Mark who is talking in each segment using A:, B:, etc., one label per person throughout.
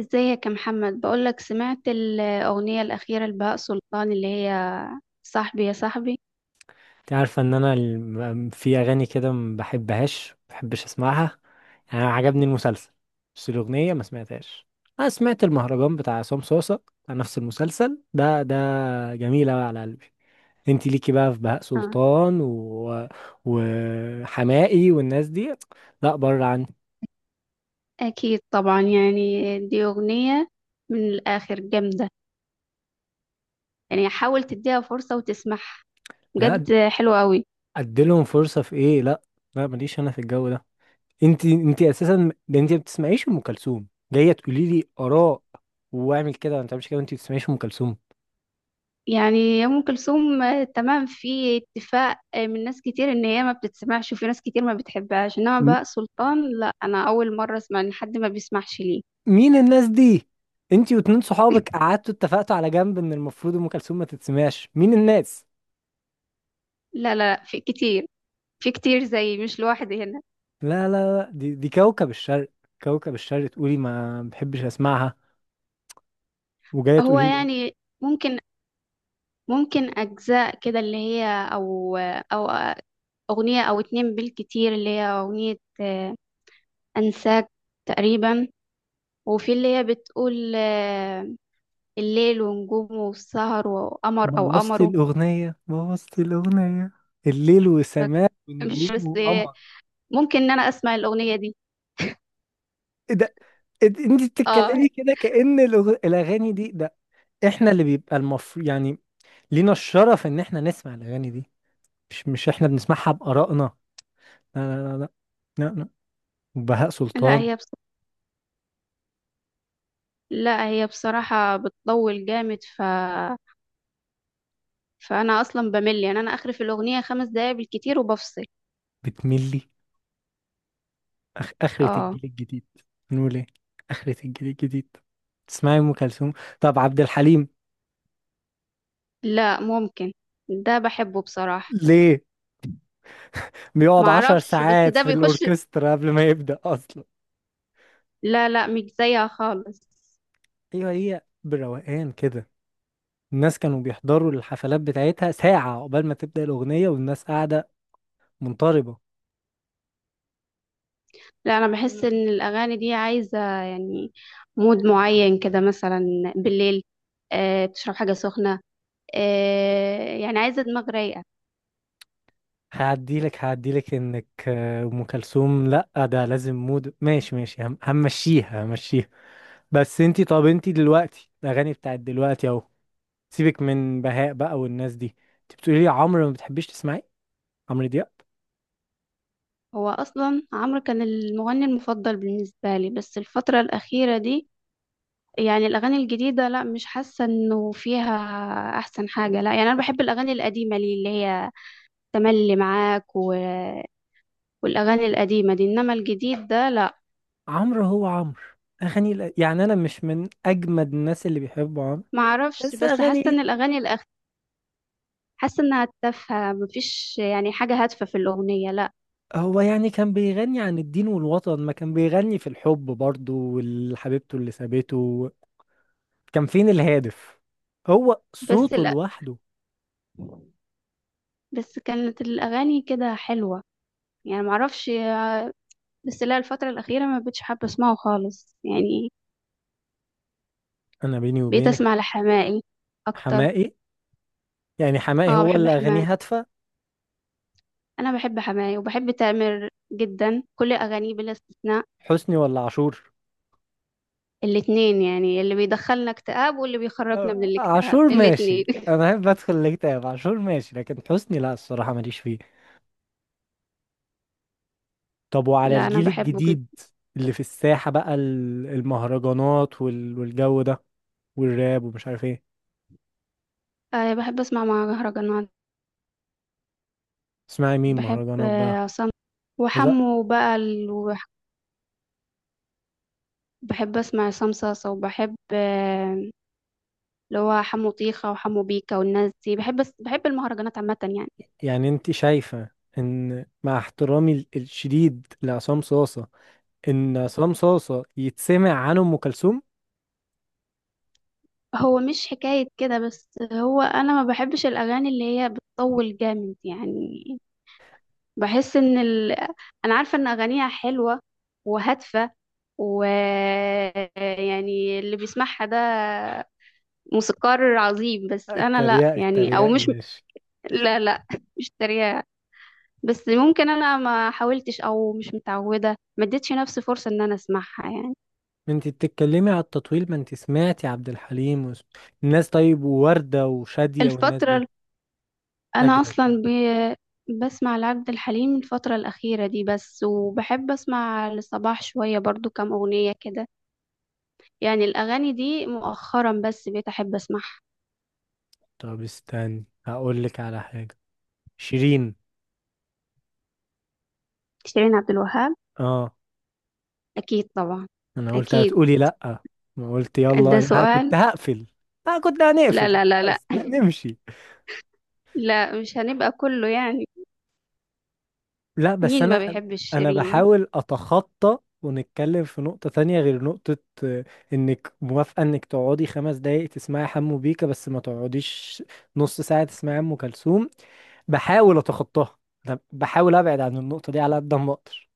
A: ازيك يا محمد، بقولك سمعت الأغنية الأخيرة لبهاء سلطان اللي هي صاحبي يا صاحبي.
B: انت عارفه ان انا في اغاني كده ما بحبش اسمعها. يعني أنا عجبني المسلسل، بس الاغنيه ما سمعتهاش. انا سمعت المهرجان بتاع عصام صوصه بتاع نفس المسلسل ده. جميل أوي على قلبي. انت ليكي بقى في بهاء
A: آه.
B: سلطان وحماقي والناس دي، لا بره عني.
A: أكيد طبعا، يعني دي أغنية من الآخر جامدة. يعني حاول تديها فرصة وتسمعها،
B: لا،
A: بجد حلوة قوي.
B: اديلهم فرصه في ايه؟ لا، لا ماليش انا في الجو ده. انت اساسا ده انت ما بتسمعيش ام كلثوم. جايه تقولي لي اراء واعمل كده ما تعملش كده وانت ما بتسمعيش ام كلثوم.
A: يعني أم كلثوم آه، تمام، في اتفاق آه، من ناس كتير إن هي ما بتتسمعش، وفي ناس كتير ما بتحبهاش، إنما
B: م-
A: بهاء سلطان لا، أنا أول مرة أسمع إن حد ما بيسمعش ليه.
B: مين الناس دي؟ انتي واتنين صحابك قعدتوا اتفقتوا على جنب ان المفروض ام كلثوم ما تتسمعش؟ مين الناس؟
A: لا لا لا، في كتير. في كتير، زي مش لوحدي هنا.
B: لا، لا، لا، دي كوكب الشرق. كوكب الشرق تقولي ما بحبش اسمعها وجايه
A: هو
B: تقولي لي.
A: يعني ممكن ممكن أجزاء كده اللي هي، أو أو أغنية أو اتنين بالكتير، اللي هي أغنية آه، أنساك تقريبا. وفي اللي هي بتقول آه، الليل ونجومه والسهر وقمر أو
B: بوظتي
A: قمره.
B: الاغنيه، بوظتي الاغنيه. الليل
A: فاك-
B: وسماء
A: مش
B: ونجوم
A: بس آه،
B: وقمر.
A: ممكن إن أنا أسمع الأغنية دي.
B: ايه ده؟ إيه ده؟ انتي
A: اه.
B: بتتكلمي كده كأن الاغاني دي ده. احنا اللي بيبقى المفروض يعني لينا الشرف ان احنا نسمع الاغاني دي. مش احنا بنسمعها بآرائنا. لا، لا، لا، لا. لا، لا. وبهاء
A: لا
B: سلطان.
A: هي بص... لا هي بصراحة بتطول جامد فأنا أصلا بمل، يعني أنا آخري في الأغنية 5 دقايق بالكتير وبفصل.
B: بتملي. آخرة
A: اه.
B: الجيل الجديد، نقول إيه؟ آخرة الجيل الجديد تسمعي أم كلثوم؟ طب عبد الحليم؟
A: لا ممكن، ده بحبه بصراحة.
B: ليه؟ بيقعد عشر
A: معرفش بس
B: ساعات
A: ده
B: في
A: بيخش،
B: الأوركسترا قبل ما يبدأ أصلا؟
A: لا لا مش زيها خالص.
B: أيوة، هي بروقان كده. الناس كانوا بيحضروا الحفلات بتاعتها ساعة قبل ما تبدأ الأغنية والناس قاعدة منطربة.
A: لا انا بحس ان الاغاني دي عايزه يعني مود معين كده مثلا، بالليل، آه تشرب حاجه سخنه، آه يعني عايزه دماغ رايقه.
B: هعديلك إنك أم كلثوم لأ، ده لازم مود. ماشي ماشي، همشيها. بس طب انتي دلوقتي الأغاني بتاعت دلوقتي أهو. سيبك من بهاء بقى والناس دي. انت بتقولي لي عمرو ما بتحبيش تسمعي. عمرو دياب؟
A: هو اصلا عمرو كان المغني المفضل بالنسبه لي، بس الفتره الاخيره دي يعني الاغاني الجديده لا، مش حاسه انه فيها احسن حاجه. لا يعني انا بحب الاغاني القديمه لي اللي هي تملي معاك والاغاني القديمه دي، انما الجديد ده لا.
B: عمرو هو عمرو. اغاني يعني انا مش من اجمد الناس اللي بيحبوا عمرو،
A: معرفش،
B: بس
A: بس حاسه
B: اغاني.
A: ان حاسه انها تافهه، مفيش يعني حاجه هادفه في الاغنيه. لا
B: هو يعني كان بيغني عن الدين والوطن؟ ما كان بيغني في الحب برضه والحبيبته اللي سابته. كان فين الهادف؟ هو
A: بس
B: صوته
A: لا
B: لوحده.
A: بس كانت الاغاني كده حلوه، يعني معرفش. بس لا، الفتره الاخيره ما بقتش حابه اسمعه خالص يعني.
B: انا بيني
A: بقيت اسمع
B: وبينك،
A: لحماقي اكتر.
B: حماقي؟ يعني حماقي
A: اه
B: هو
A: بحب
B: اللي
A: حماقي.
B: اغانيه هادفة؟
A: انا بحب حماقي وبحب تامر جدا، كل اغانيه بلا استثناء.
B: حسني ولا عاشور؟
A: الاتنين، يعني اللي بيدخلنا اكتئاب واللي بيخرجنا من
B: آه،
A: الاكتئاب،
B: عاشور ماشي.
A: الاتنين.
B: انا بحب ادخل الاكتئاب، عاشور ماشي. لكن حسني لا، الصراحه ماليش فيه. طب وعلى
A: لا انا
B: الجيل
A: بحبه جدا.
B: الجديد اللي في الساحه بقى، المهرجانات والجو ده والراب ومش عارف ايه.
A: آه بحب اسمع مهرجانات.
B: اسمعي مين
A: بحب
B: مهرجانات
A: آه،
B: بقى؟
A: عصام
B: عايزة-
A: وحمو بقى ال... وح- بحب اسمع عصام صاصا وبحب آه، اللي هو حمو طيخة وحمو بيكا والناس دي. بحب المهرجانات عامة يعني.
B: يعني انت شايفه ان مع احترامي الشديد لعصام صاصه ان عصام صاصه يتسمع عنه ام كلثوم؟
A: هو مش حكاية كده، بس هو انا ما بحبش الاغاني اللي هي بتطول جامد يعني. بحس ان ال... انا عارفة ان اغانيها حلوة وهادفة، و يعني اللي بيسمعها ده موسيقار عظيم، بس انا لا
B: اتريقي،
A: يعني او
B: اتريقي
A: مش.
B: ماشي.
A: لا لا. مش تريقة. بس ممكن انا ما حاولتش او مش متعوده، ما اديتش نفسي فرصه ان انا اسمعها يعني.
B: ما انت بتتكلمي على التطويل، ما انت سمعتي عبد الحليم الناس. طيب، ووردة وشادية والناس
A: الفتره ال-
B: دي،
A: انا
B: اجدد شوية.
A: اصلا ب... بسمع لعبد الحليم الفتره الاخيره دي بس. وبحب اسمع لصباح شويه برضو، كام اغنيه كده يعني. الاغاني دي مؤخرا بس بقيت احب اسمعها.
B: طب استني، هقول لك على حاجة. شيرين.
A: شيرين عبد الوهاب.
B: اه.
A: اكيد طبعا.
B: انا قلت
A: اكيد.
B: هتقولي لا. ما قلت يلا،
A: ده
B: انا
A: سؤال.
B: كنت هقفل. اه، كنت
A: لا
B: هنقفل
A: لا لا لا.
B: خلاص، نمشي.
A: لا مش هنبقى كله يعني.
B: لا، بس
A: مين ما
B: انا
A: بيحبش
B: انا
A: شيرين.
B: بحاول اتخطى ونتكلم في نقطة تانية غير نقطة. آه، انك موافقة انك تقعدي 5 دقايق تسمعي حمو بيكا، بس ما تقعديش نص ساعة تسمعي ام كلثوم. بحاول اتخطاها، انا بحاول ابعد عن النقطه دي على قد ما اقدر.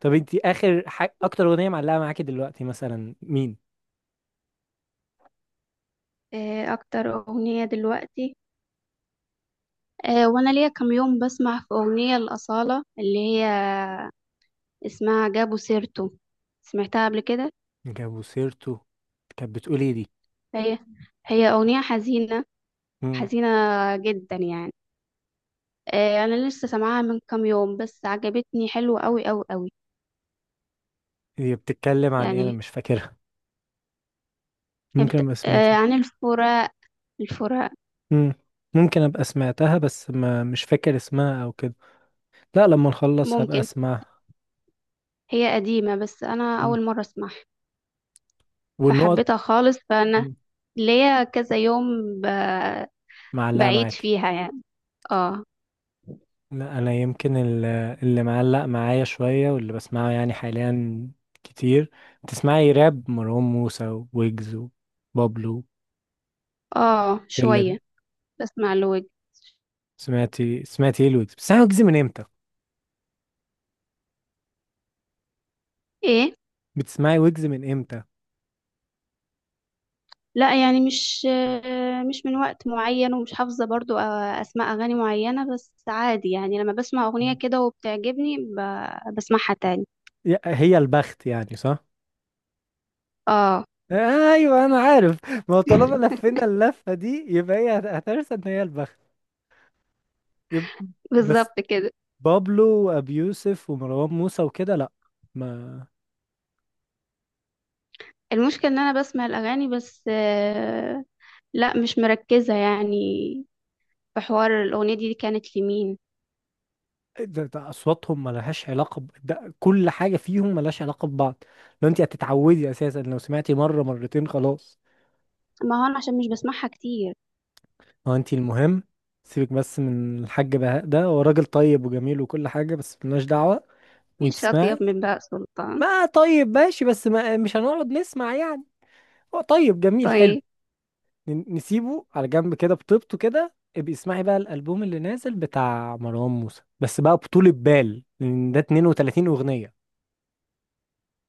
B: طب انت اكتر اغنيه معلقه معاكي دلوقتي مثلا مين؟
A: إيه اكتر اغنيه دلوقتي؟ آه، وانا ليا كام يوم بسمع في اغنية الأصالة اللي هي اسمها جابوا سيرته، سمعتها قبل كده.
B: جابوا سيرته؟ كانت بتقول ايه دي؟
A: هي هي اغنية حزينة.
B: امم
A: حزينة جدا يعني. آه، انا لسه سامعاها من كام يوم، بس عجبتني حلوة قوي قوي قوي.
B: هي بتتكلم عن ايه؟ انا
A: يعني
B: مش فاكرها. ممكن ابقى
A: آه،
B: سمعتها.
A: عن الفراق. الفراق.
B: امم ممكن ابقى سمعتها، بس ما مش فاكر اسمها او كده. لا، لما نخلص هبقى
A: ممكن.
B: اسمعها.
A: هي قديمة بس انا
B: مم.
A: اول مرة اسمعها.
B: والنقط.
A: فحبيتها خالص فانا
B: مم.
A: ليا كذا يوم ب...
B: معلقه
A: بعيد
B: معاكي.
A: فيها يعني. اه.
B: لا، انا يمكن اللي معلق معايا شويه واللي بسمعه يعني حاليا كتير. تسمعي راب، مروان موسى، ويجز، وبابلو،
A: اه
B: الجيلة دي.
A: شوية. بسمع لوج.
B: سمعتي ايه الويجز؟
A: ايه؟
B: بتسمعي ويجز من امتى؟
A: لا يعني مش من وقت معين ومش حافظة برضو آه، أسماء أغاني معينة، بس عادي يعني لما بسمع أغنية كده وبتعجبني بسمعها تاني.
B: هي البخت يعني، صح؟
A: اه.
B: ايوه، انا عارف. ما هو طالما لفينا اللفه دي يبقى هي هترسى ان هي البخت. يب... بس
A: بالظبط كده.
B: بابلو وابيوسف ومروان موسى وكده لا، ما.
A: المشكلة إن أنا بسمع الأغاني بس آه، لا مش مركزة يعني في حوار الأغنية دي كانت لمين.
B: ده اصواتهم ملهاش علاقه ده كل حاجه فيهم ملهاش علاقه ببعض. لو انت هتتعودي اساسا، لو سمعتي مره مرتين خلاص.
A: ما هو أنا عشان مش بسمعها كتير.
B: هو انت المهم. سيبك بس من الحاج بهاء، ده هو راجل طيب وجميل وكل حاجه، بس ملناش دعوه. وانت
A: مفيش أطيب
B: تسمعي.
A: من بهاء سلطان.
B: ما طيب، ماشي، بس ما مش هنقعد نسمع يعني. هو طيب، جميل، حلو.
A: طيب.
B: نسيبه على جنب كده بطيبته كده. ابقي اسمعي بقى الالبوم اللي نازل بتاع مروان موسى، بس بقى بطولة بال، لان ده 32 اغنيه.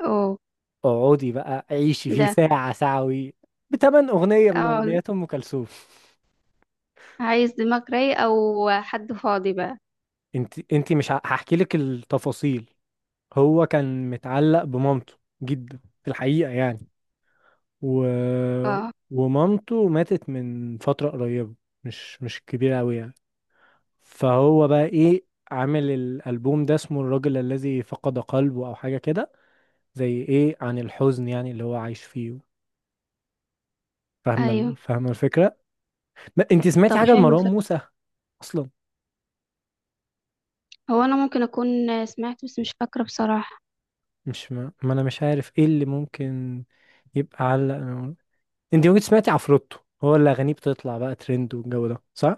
A: أوه.
B: اقعدي بقى عيشي فيه
A: ده.
B: ساعة ساعة وي. بتمن أغنية من
A: اه
B: أغنيات أم كلثوم.
A: عايز دماغ رايق أو حد فاضي بقى.
B: انت مش هحكي لك التفاصيل. هو كان متعلق بمامته جدا في الحقيقة يعني. و...
A: اه.
B: ومامته ماتت من فترة قريبة، مش كبيرة أوي يعني. فهو بقى إيه، عامل الألبوم ده اسمه الرجل الذي فقد قلبه أو حاجة كده، زي إيه، عن الحزن يعني اللي هو عايش فيه.
A: أيوه.
B: فاهمة الفكرة؟ انت سمعتي
A: طب
B: حاجة
A: حلو.
B: لمروان موسى أصلا؟
A: هو انا ممكن اكون سمعت بس مش فاكرة بصراحة.
B: مش ما, ما انا مش عارف ايه اللي ممكن يبقى علق انت ممكن سمعتي عفروتو؟ هو اللي اغانيه بتطلع بقى ترند والجو ده، صح؟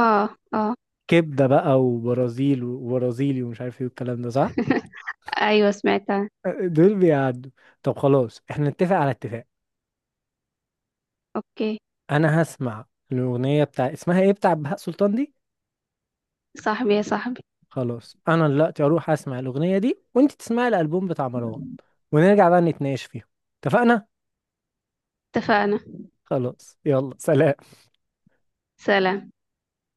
A: اه. اه.
B: كبده بقى وبرازيل وبرازيلي ومش عارف ايه والكلام ده، صح؟
A: ايوه سمعتها.
B: دول بيعدوا. طب خلاص، احنا نتفق على اتفاق.
A: اوكي.
B: انا هسمع الاغنيه بتاع اسمها ايه بتاع بهاء سلطان دي.
A: صاحبي يا صاحبي.
B: خلاص، انا دلوقتي اروح اسمع الاغنيه دي وانت تسمعي الالبوم بتاع مروان، ونرجع بقى نتناقش فيهم. اتفقنا؟
A: اتفقنا.
B: خلاص، يلا سلام.
A: سلام.